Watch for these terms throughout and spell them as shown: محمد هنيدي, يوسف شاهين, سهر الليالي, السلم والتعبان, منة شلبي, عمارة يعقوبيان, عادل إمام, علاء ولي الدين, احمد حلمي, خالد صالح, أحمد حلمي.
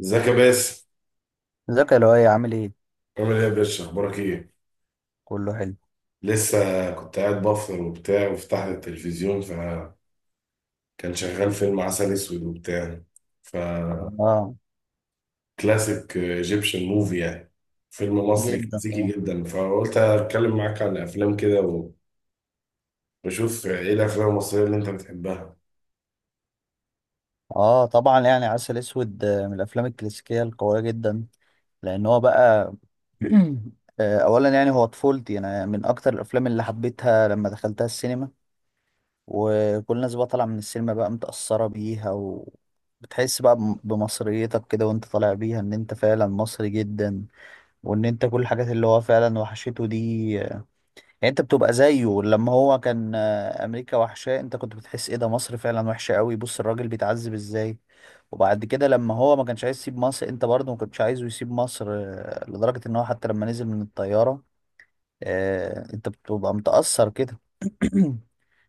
ازيك يا باسم؟ ازيك يا لؤي عامل ايه؟ عامل ايه يا باشا؟ اخبارك ايه؟ كله حلو. لسه كنت قاعد بفطر وبتاع، وفتحت التلفزيون فكان شغال فيلم عسل اسود وبتاع، فكلاسيك اه ايجيبشن موفي يعني، فيلم مصري جدا كلاسيكي طبعا. جدا. فقلت اتكلم معاك عن افلام كده واشوف ايه الافلام المصريه اللي انت بتحبها. اه طبعا يعني عسل اسود، من الافلام الكلاسيكيه القويه جدا. لان هو بقى اولا يعني هو طفولتي، انا من اكتر الافلام اللي حبيتها لما دخلتها السينما، وكل الناس بقى طالعه من السينما بقى متاثره بيها، وبتحس بقى بمصريتك كده وانت طالع بيها ان انت فعلا مصري جدا، وان انت كل الحاجات اللي هو فعلا وحشته دي. يعني انت بتبقى زيه لما هو كان، امريكا وحشاه، انت كنت بتحس ايه ده، مصر فعلا وحشه قوي، بص الراجل بيتعذب ازاي. وبعد كده لما هو ما كانش عايز يسيب مصر، انت برضه ما كنتش عايزه يسيب مصر، لدرجه ان هو حتى لما نزل من الطياره، انت بتبقى متاثر كده.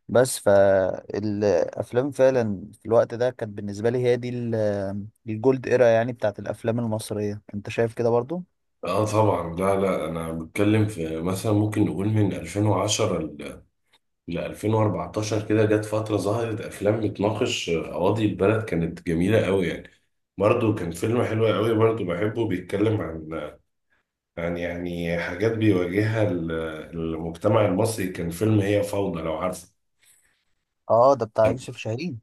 بس فالافلام فعلا في الوقت ده كانت بالنسبه لي هي دي الجولد ايرا يعني بتاعت الافلام المصريه، انت شايف كده برضه؟ اه طبعا. لا لا، انا بتكلم في مثلا ممكن نقول من 2010 ل 2014 كده، جت فترة ظهرت أفلام بتناقش قواضي البلد كانت جميلة قوي يعني. برضه كان فيلم حلو قوي برضه بحبه، بيتكلم عن يعني حاجات بيواجهها المجتمع المصري، كان فيلم هي فوضى لو عارفه. اه ده بتاع كان يوسف شاهين.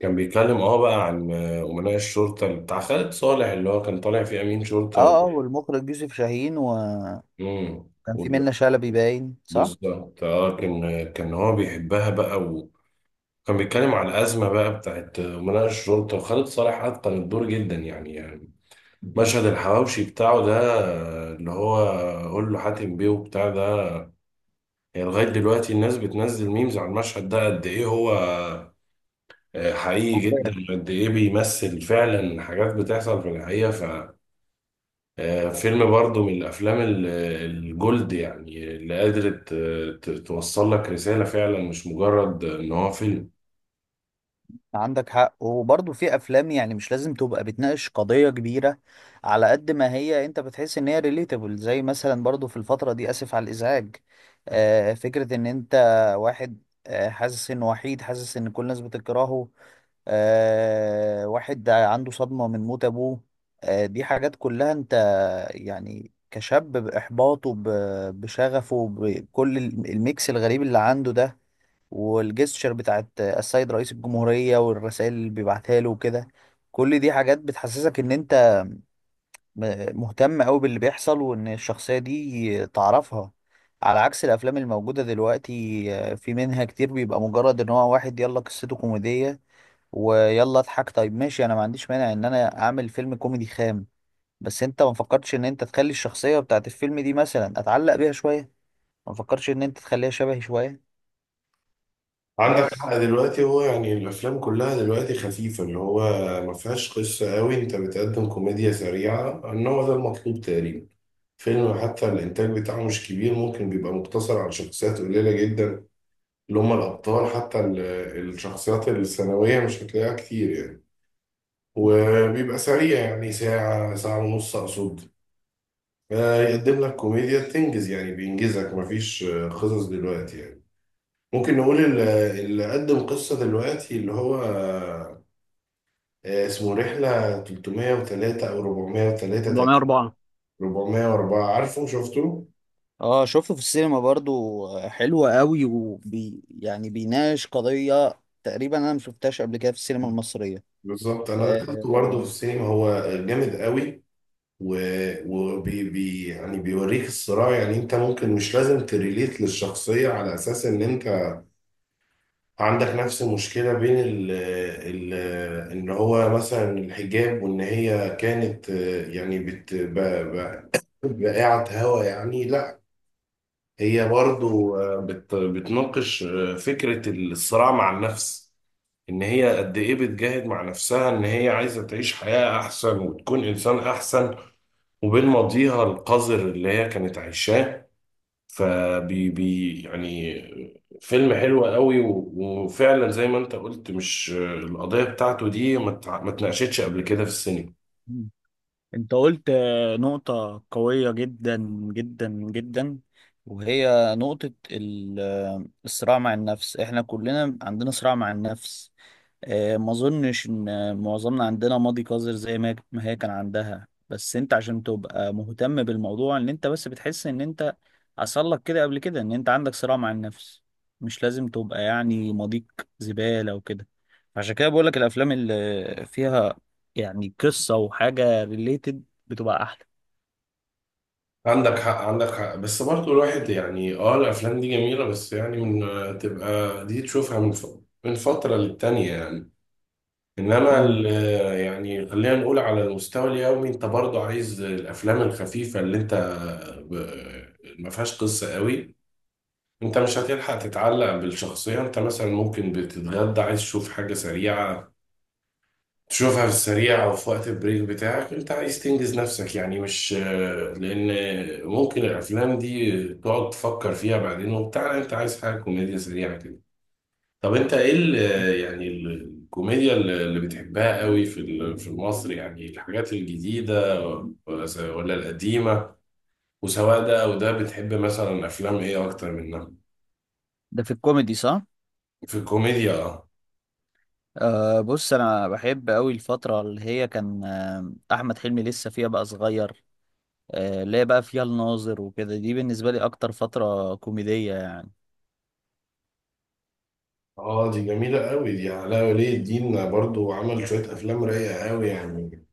كان بيتكلم اه بقى عن أمناء الشرطة اللي بتاع خالد صالح، اللي هو كان طالع فيه أمين شرطة و... اه اه، والمخرج يوسف شاهين و... مم. كان في وال- منة شلبي باين، صح؟ بالظبط اه، كان هو بيحبها بقى. كان بيتكلم على الأزمة بقى بتاعت مناقشة الشرطة، وخالد صالح أتقن الدور جدا يعني. مشهد الحواوشي بتاعه ده، اللي هو قول له حاتم بيه وبتاع ده، يعني لغاية دلوقتي الناس بتنزل ميمز على المشهد ده، قد إيه هو حقيقي جدا، اوكي. قد إيه بيمثل فعلا حاجات بتحصل في الحقيقة ف- فيلم برضه من الأفلام الجولد يعني، اللي قادرة توصل لك رسالة فعلا، مش مجرد إن هو فيلم. عندك حق، وبرضه في افلام يعني مش لازم تبقى بتناقش قضية كبيرة، على قد ما هي انت بتحس ان هي ريليتابل. زي مثلا برضه في الفترة دي، اسف على الازعاج، آه، فكرة ان انت واحد آه حاسس انه وحيد، حاسس ان كل الناس بتكرهه، آه، واحد عنده صدمة من موت ابوه، آه دي حاجات كلها انت يعني كشاب بإحباطه، بشغفه، بكل الميكس الغريب اللي عنده ده، والجستشر بتاعت السيد رئيس الجمهورية والرسائل اللي بيبعتها له وكده، كل دي حاجات بتحسسك ان انت مهتم قوي باللي بيحصل، وان الشخصية دي تعرفها. على عكس الافلام الموجودة دلوقتي، في منها كتير بيبقى مجرد ان هو واحد، يلا قصته كوميدية ويلا اضحك. طيب ماشي، انا ما عنديش مانع ان انا اعمل فيلم كوميدي خام، بس انت ما فكرتش ان انت تخلي الشخصية بتاعت الفيلم دي مثلا اتعلق بيها شوية، ما فكرتش ان انت تخليها شبهي شوية. عندك بس حق، دلوقتي هو يعني الافلام كلها دلوقتي خفيفه، اللي هو ما فيهاش قصه قوي، انت بتقدم كوميديا سريعه، ان هو ده المطلوب تقريبا. فيلم حتى الانتاج بتاعه مش كبير، ممكن بيبقى مقتصر على شخصيات قليله جدا اللي هم الابطال، حتى الشخصيات الثانويه مش هتلاقيها كتير يعني. وبيبقى سريع يعني ساعه، ساعه ونص اقصد، يقدم لك كوميديا تنجز يعني، بينجزك. مفيش قصص دلوقتي يعني. ممكن نقول اللي قدم قصة دلوقتي اللي هو اسمه رحلة 303 أو 403 تقريبا. 404. 404. عارفه شفته؟ اه شفته في السينما برضو. حلو قوي، وبي يعني بيناقش قضية تقريبا انا ما شفتهاش قبل كده في السينما المصرية. بالظبط، أنا دخلته برضه في آه، السينما، هو جامد قوي، و... وبي يعني بيوريك الصراع، يعني أنت ممكن مش لازم تريليت للشخصية على أساس إن أنت عندك نفس المشكلة بين ال إن هو مثلا الحجاب، وإن هي كانت آه، يعني بقعة هوا يعني. لا، هي برضو بتناقش فكرة الصراع مع النفس، إن هي قد إيه بتجاهد مع نفسها، إن هي عايزة تعيش حياة أحسن وتكون إنسان أحسن، وبين ماضيها القذر اللي هي كانت عايشاه. فبي يعني فيلم حلو قوي وفعلا زي ما أنت قلت، مش القضية بتاعته دي ما اتناقشتش قبل كده في السينما. انت قلت نقطة قوية جدا، جدا جدا. وهي نقطة الصراع مع النفس. احنا كلنا عندنا صراع مع النفس. ما اظنش ان معظمنا عندنا ماضي قذر زي ما ما هي كان عندها، بس انت عشان تبقى مهتم بالموضوع، ان انت بس بتحس ان انت حصل لك كده قبل كده، ان انت عندك صراع مع النفس. مش لازم تبقى يعني ماضيك زبالة وكده. عشان كده بقول لك الافلام اللي فيها يعني قصة وحاجة ريليتد بتبقى احلى. عندك حق، عندك حق، بس برضه الواحد يعني اه الافلام دي جميله، بس يعني من آه، تبقى دي تشوفها من فتره للتانيه يعني. انما مم. يعني خلينا نقول على المستوى اليومي انت برضه عايز الافلام الخفيفه اللي انت ما فيهاش قصه قوي، انت مش هتلحق تتعلق بالشخصيه. انت مثلا ممكن بتتغدى عايز تشوف حاجه سريعه، تشوفها في السريع او في وقت البريك بتاعك، انت عايز تنجز نفسك يعني، مش لان ممكن الافلام دي تقعد تفكر فيها بعدين وبتاع، لا، انت عايز حاجه كوميديا سريعه كده. طب انت ايه يعني ال- الكوميديا اللي بتحبها قوي في في مصر يعني، الحاجات الجديده ولا القديمه؟ وسواء ده او ده بتحب مثلا افلام ايه اكتر منها؟ ده في الكوميدي صح؟ في الكوميديا اه. أه، بص، انا بحب قوي الفترة اللي هي كان احمد حلمي لسه فيها بقى صغير، اللي هي بقى فيها الناظر وكده، دي بالنسبة لي أكتر فترة كوميدية يعني. اه دي جميلة قوي، دي علاء ولي الدين برضو عمل شوية أفلام رايقة قوي يعني،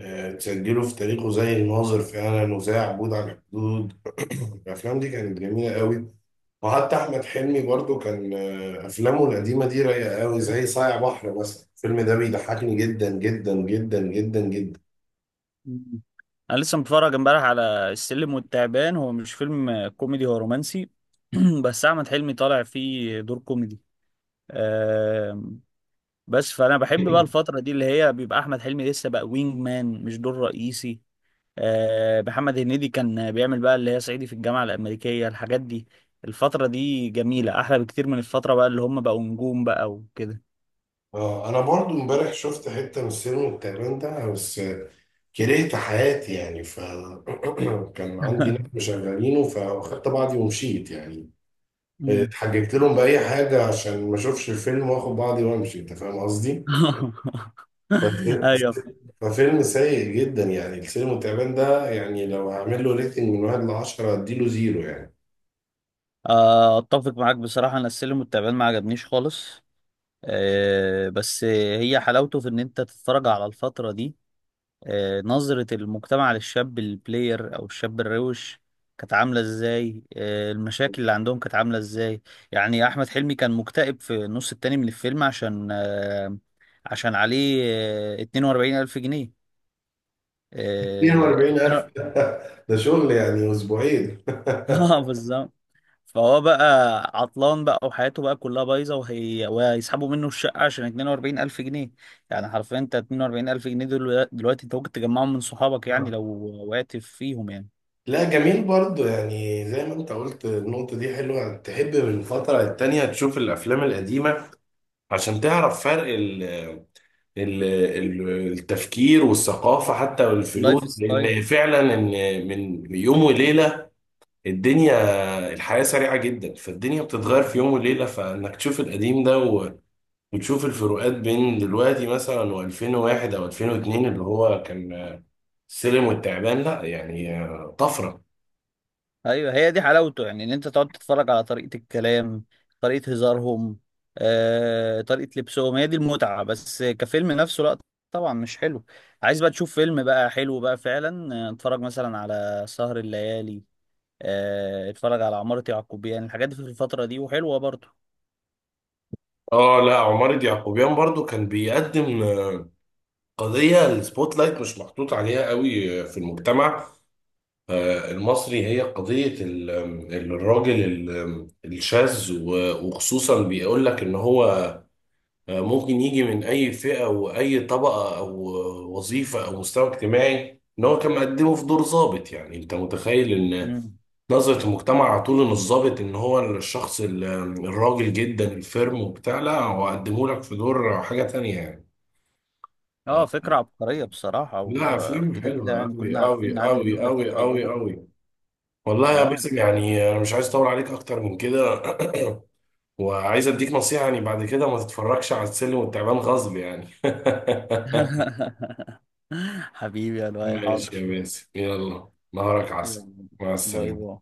تسجله في تاريخه، زي الناظر فعلا، وزي عبود على الحدود. الافلام دي كانت جميله قوي. وحتى احمد حلمي برضو كان افلامه القديمه دي رايقه قوي، زي صايع بحر مثلا، الفيلم ده بيضحكني جدا جدا جدا جدا جدا. مم. أنا لسه متفرج امبارح على السلم والتعبان. هو مش فيلم كوميدي، هو رومانسي، بس أحمد حلمي طالع فيه دور كوميدي. آم، بس فأنا بحب بقى الفترة دي اللي هي بيبقى أحمد حلمي لسه بقى وينج مان، مش دور رئيسي. محمد هنيدي كان بيعمل بقى اللي هي صعيدي في الجامعة الأمريكية، الحاجات دي. الفترة دي جميلة، أحلى بكتير من الفترة بقى اللي هم بقوا نجوم بقى وكده. اه انا برضو امبارح شفت حته من السينما التعبان ده، بس كرهت حياتي يعني ف- كان عندي ناس مشغلينه، فاخدت بعضي ومشيت يعني، مم. اتحججت لهم بأي حاجة عشان ما اشوفش الفيلم، واخد بعضي وامشي. انت فاهم قصدي؟ فف- ايوه. ففيلم سيء جدا يعني، السينما التعبان ده يعني، لو هعمل له ريتنج من واحد لعشرة هديله زيرو يعني. اتفق معاك بصراحه، انا السلم والتعبان ما عجبنيش خالص. بس هي حلاوته في ان انت تتفرج على الفتره دي. نظره المجتمع للشاب البلاير او الشاب الروش كانت عامله ازاي، المشاكل اللي عندهم كانت عامله ازاي. يعني احمد حلمي كان مكتئب في النص التاني من الفيلم عشان عشان عليه 42000 جنيه. آه، 42,000 ده شغل يعني أسبوعين. اه بالظبط. فهو بقى عطلان بقى، وحياته بقى كلها بايظه، وهي وهيسحبوا منه الشقه عشان 42000 جنيه. يعني حرفيا انت 42000 جنيه دول دلوقتي انت ممكن تجمعهم من صحابك يعني لو وقعت فيهم يعني. لا جميل برضو، يعني زي ما انت قلت النقطة دي حلوة، تحب من فترة للتانية تشوف الأفلام القديمة عشان تعرف فرق التفكير والثقافة حتى لايف والفلوس، ستايل. لأن فعلا إن من يوم وليلة الدنيا الحياة سريعة جدا، فالدنيا بتتغير في يوم وليلة، فإنك تشوف القديم ده وتشوف الفروقات بين دلوقتي مثلا و2001 أو 2002، اللي هو كان السلم والتعبان، لا يعني طفرة. ايوه، هي دي حلاوته، يعني ان انت تقعد تتفرج على طريقه الكلام، طريقه هزارهم، طريقه لبسهم، هي دي المتعه. بس كفيلم نفسه لا، طبعا مش حلو. عايز بقى تشوف فيلم بقى حلو بقى فعلا، اتفرج مثلا على سهر الليالي، اتفرج على عمارة يعقوبيان يعني، الحاجات دي في الفترة دي وحلوة برضو. اه لا، عمارة يعقوبيان برضو كان بيقدم قضية السبوت لايت مش محطوط عليها قوي في المجتمع المصري، هي قضية الراجل الشاذ، وخصوصا بيقول لك ان هو ممكن يجي من اي فئة، واي طبقة او وظيفة او مستوى اجتماعي، ان هو كان مقدمه في دور ضابط. يعني انت متخيل ان مم. نظرة المجتمع على طول ان الضابط ان هو الشخص الراجل جدا الفيرم وبتاع، لا، هو قدمه لك في دور حاجة تانية يعني. اه فكرة عبقرية بصراحة، لا فيلم وكده كده حلوة يعني أوي كلنا عارفين أوي ان عادل امام أوي أوي بيختار أوي ادواره. أوي. والله يا اه. باسم، يعني انا مش عايز اطول عليك اكتر من كده. وعايز اديك نصيحه يعني، بعد كده ما تتفرجش على السلم والتعبان غصب يعني. حبيبي يا لؤي، ماشي حاضر. يا باسم، يلا نهارك عسل، يلا، مع باي السلامه. باي.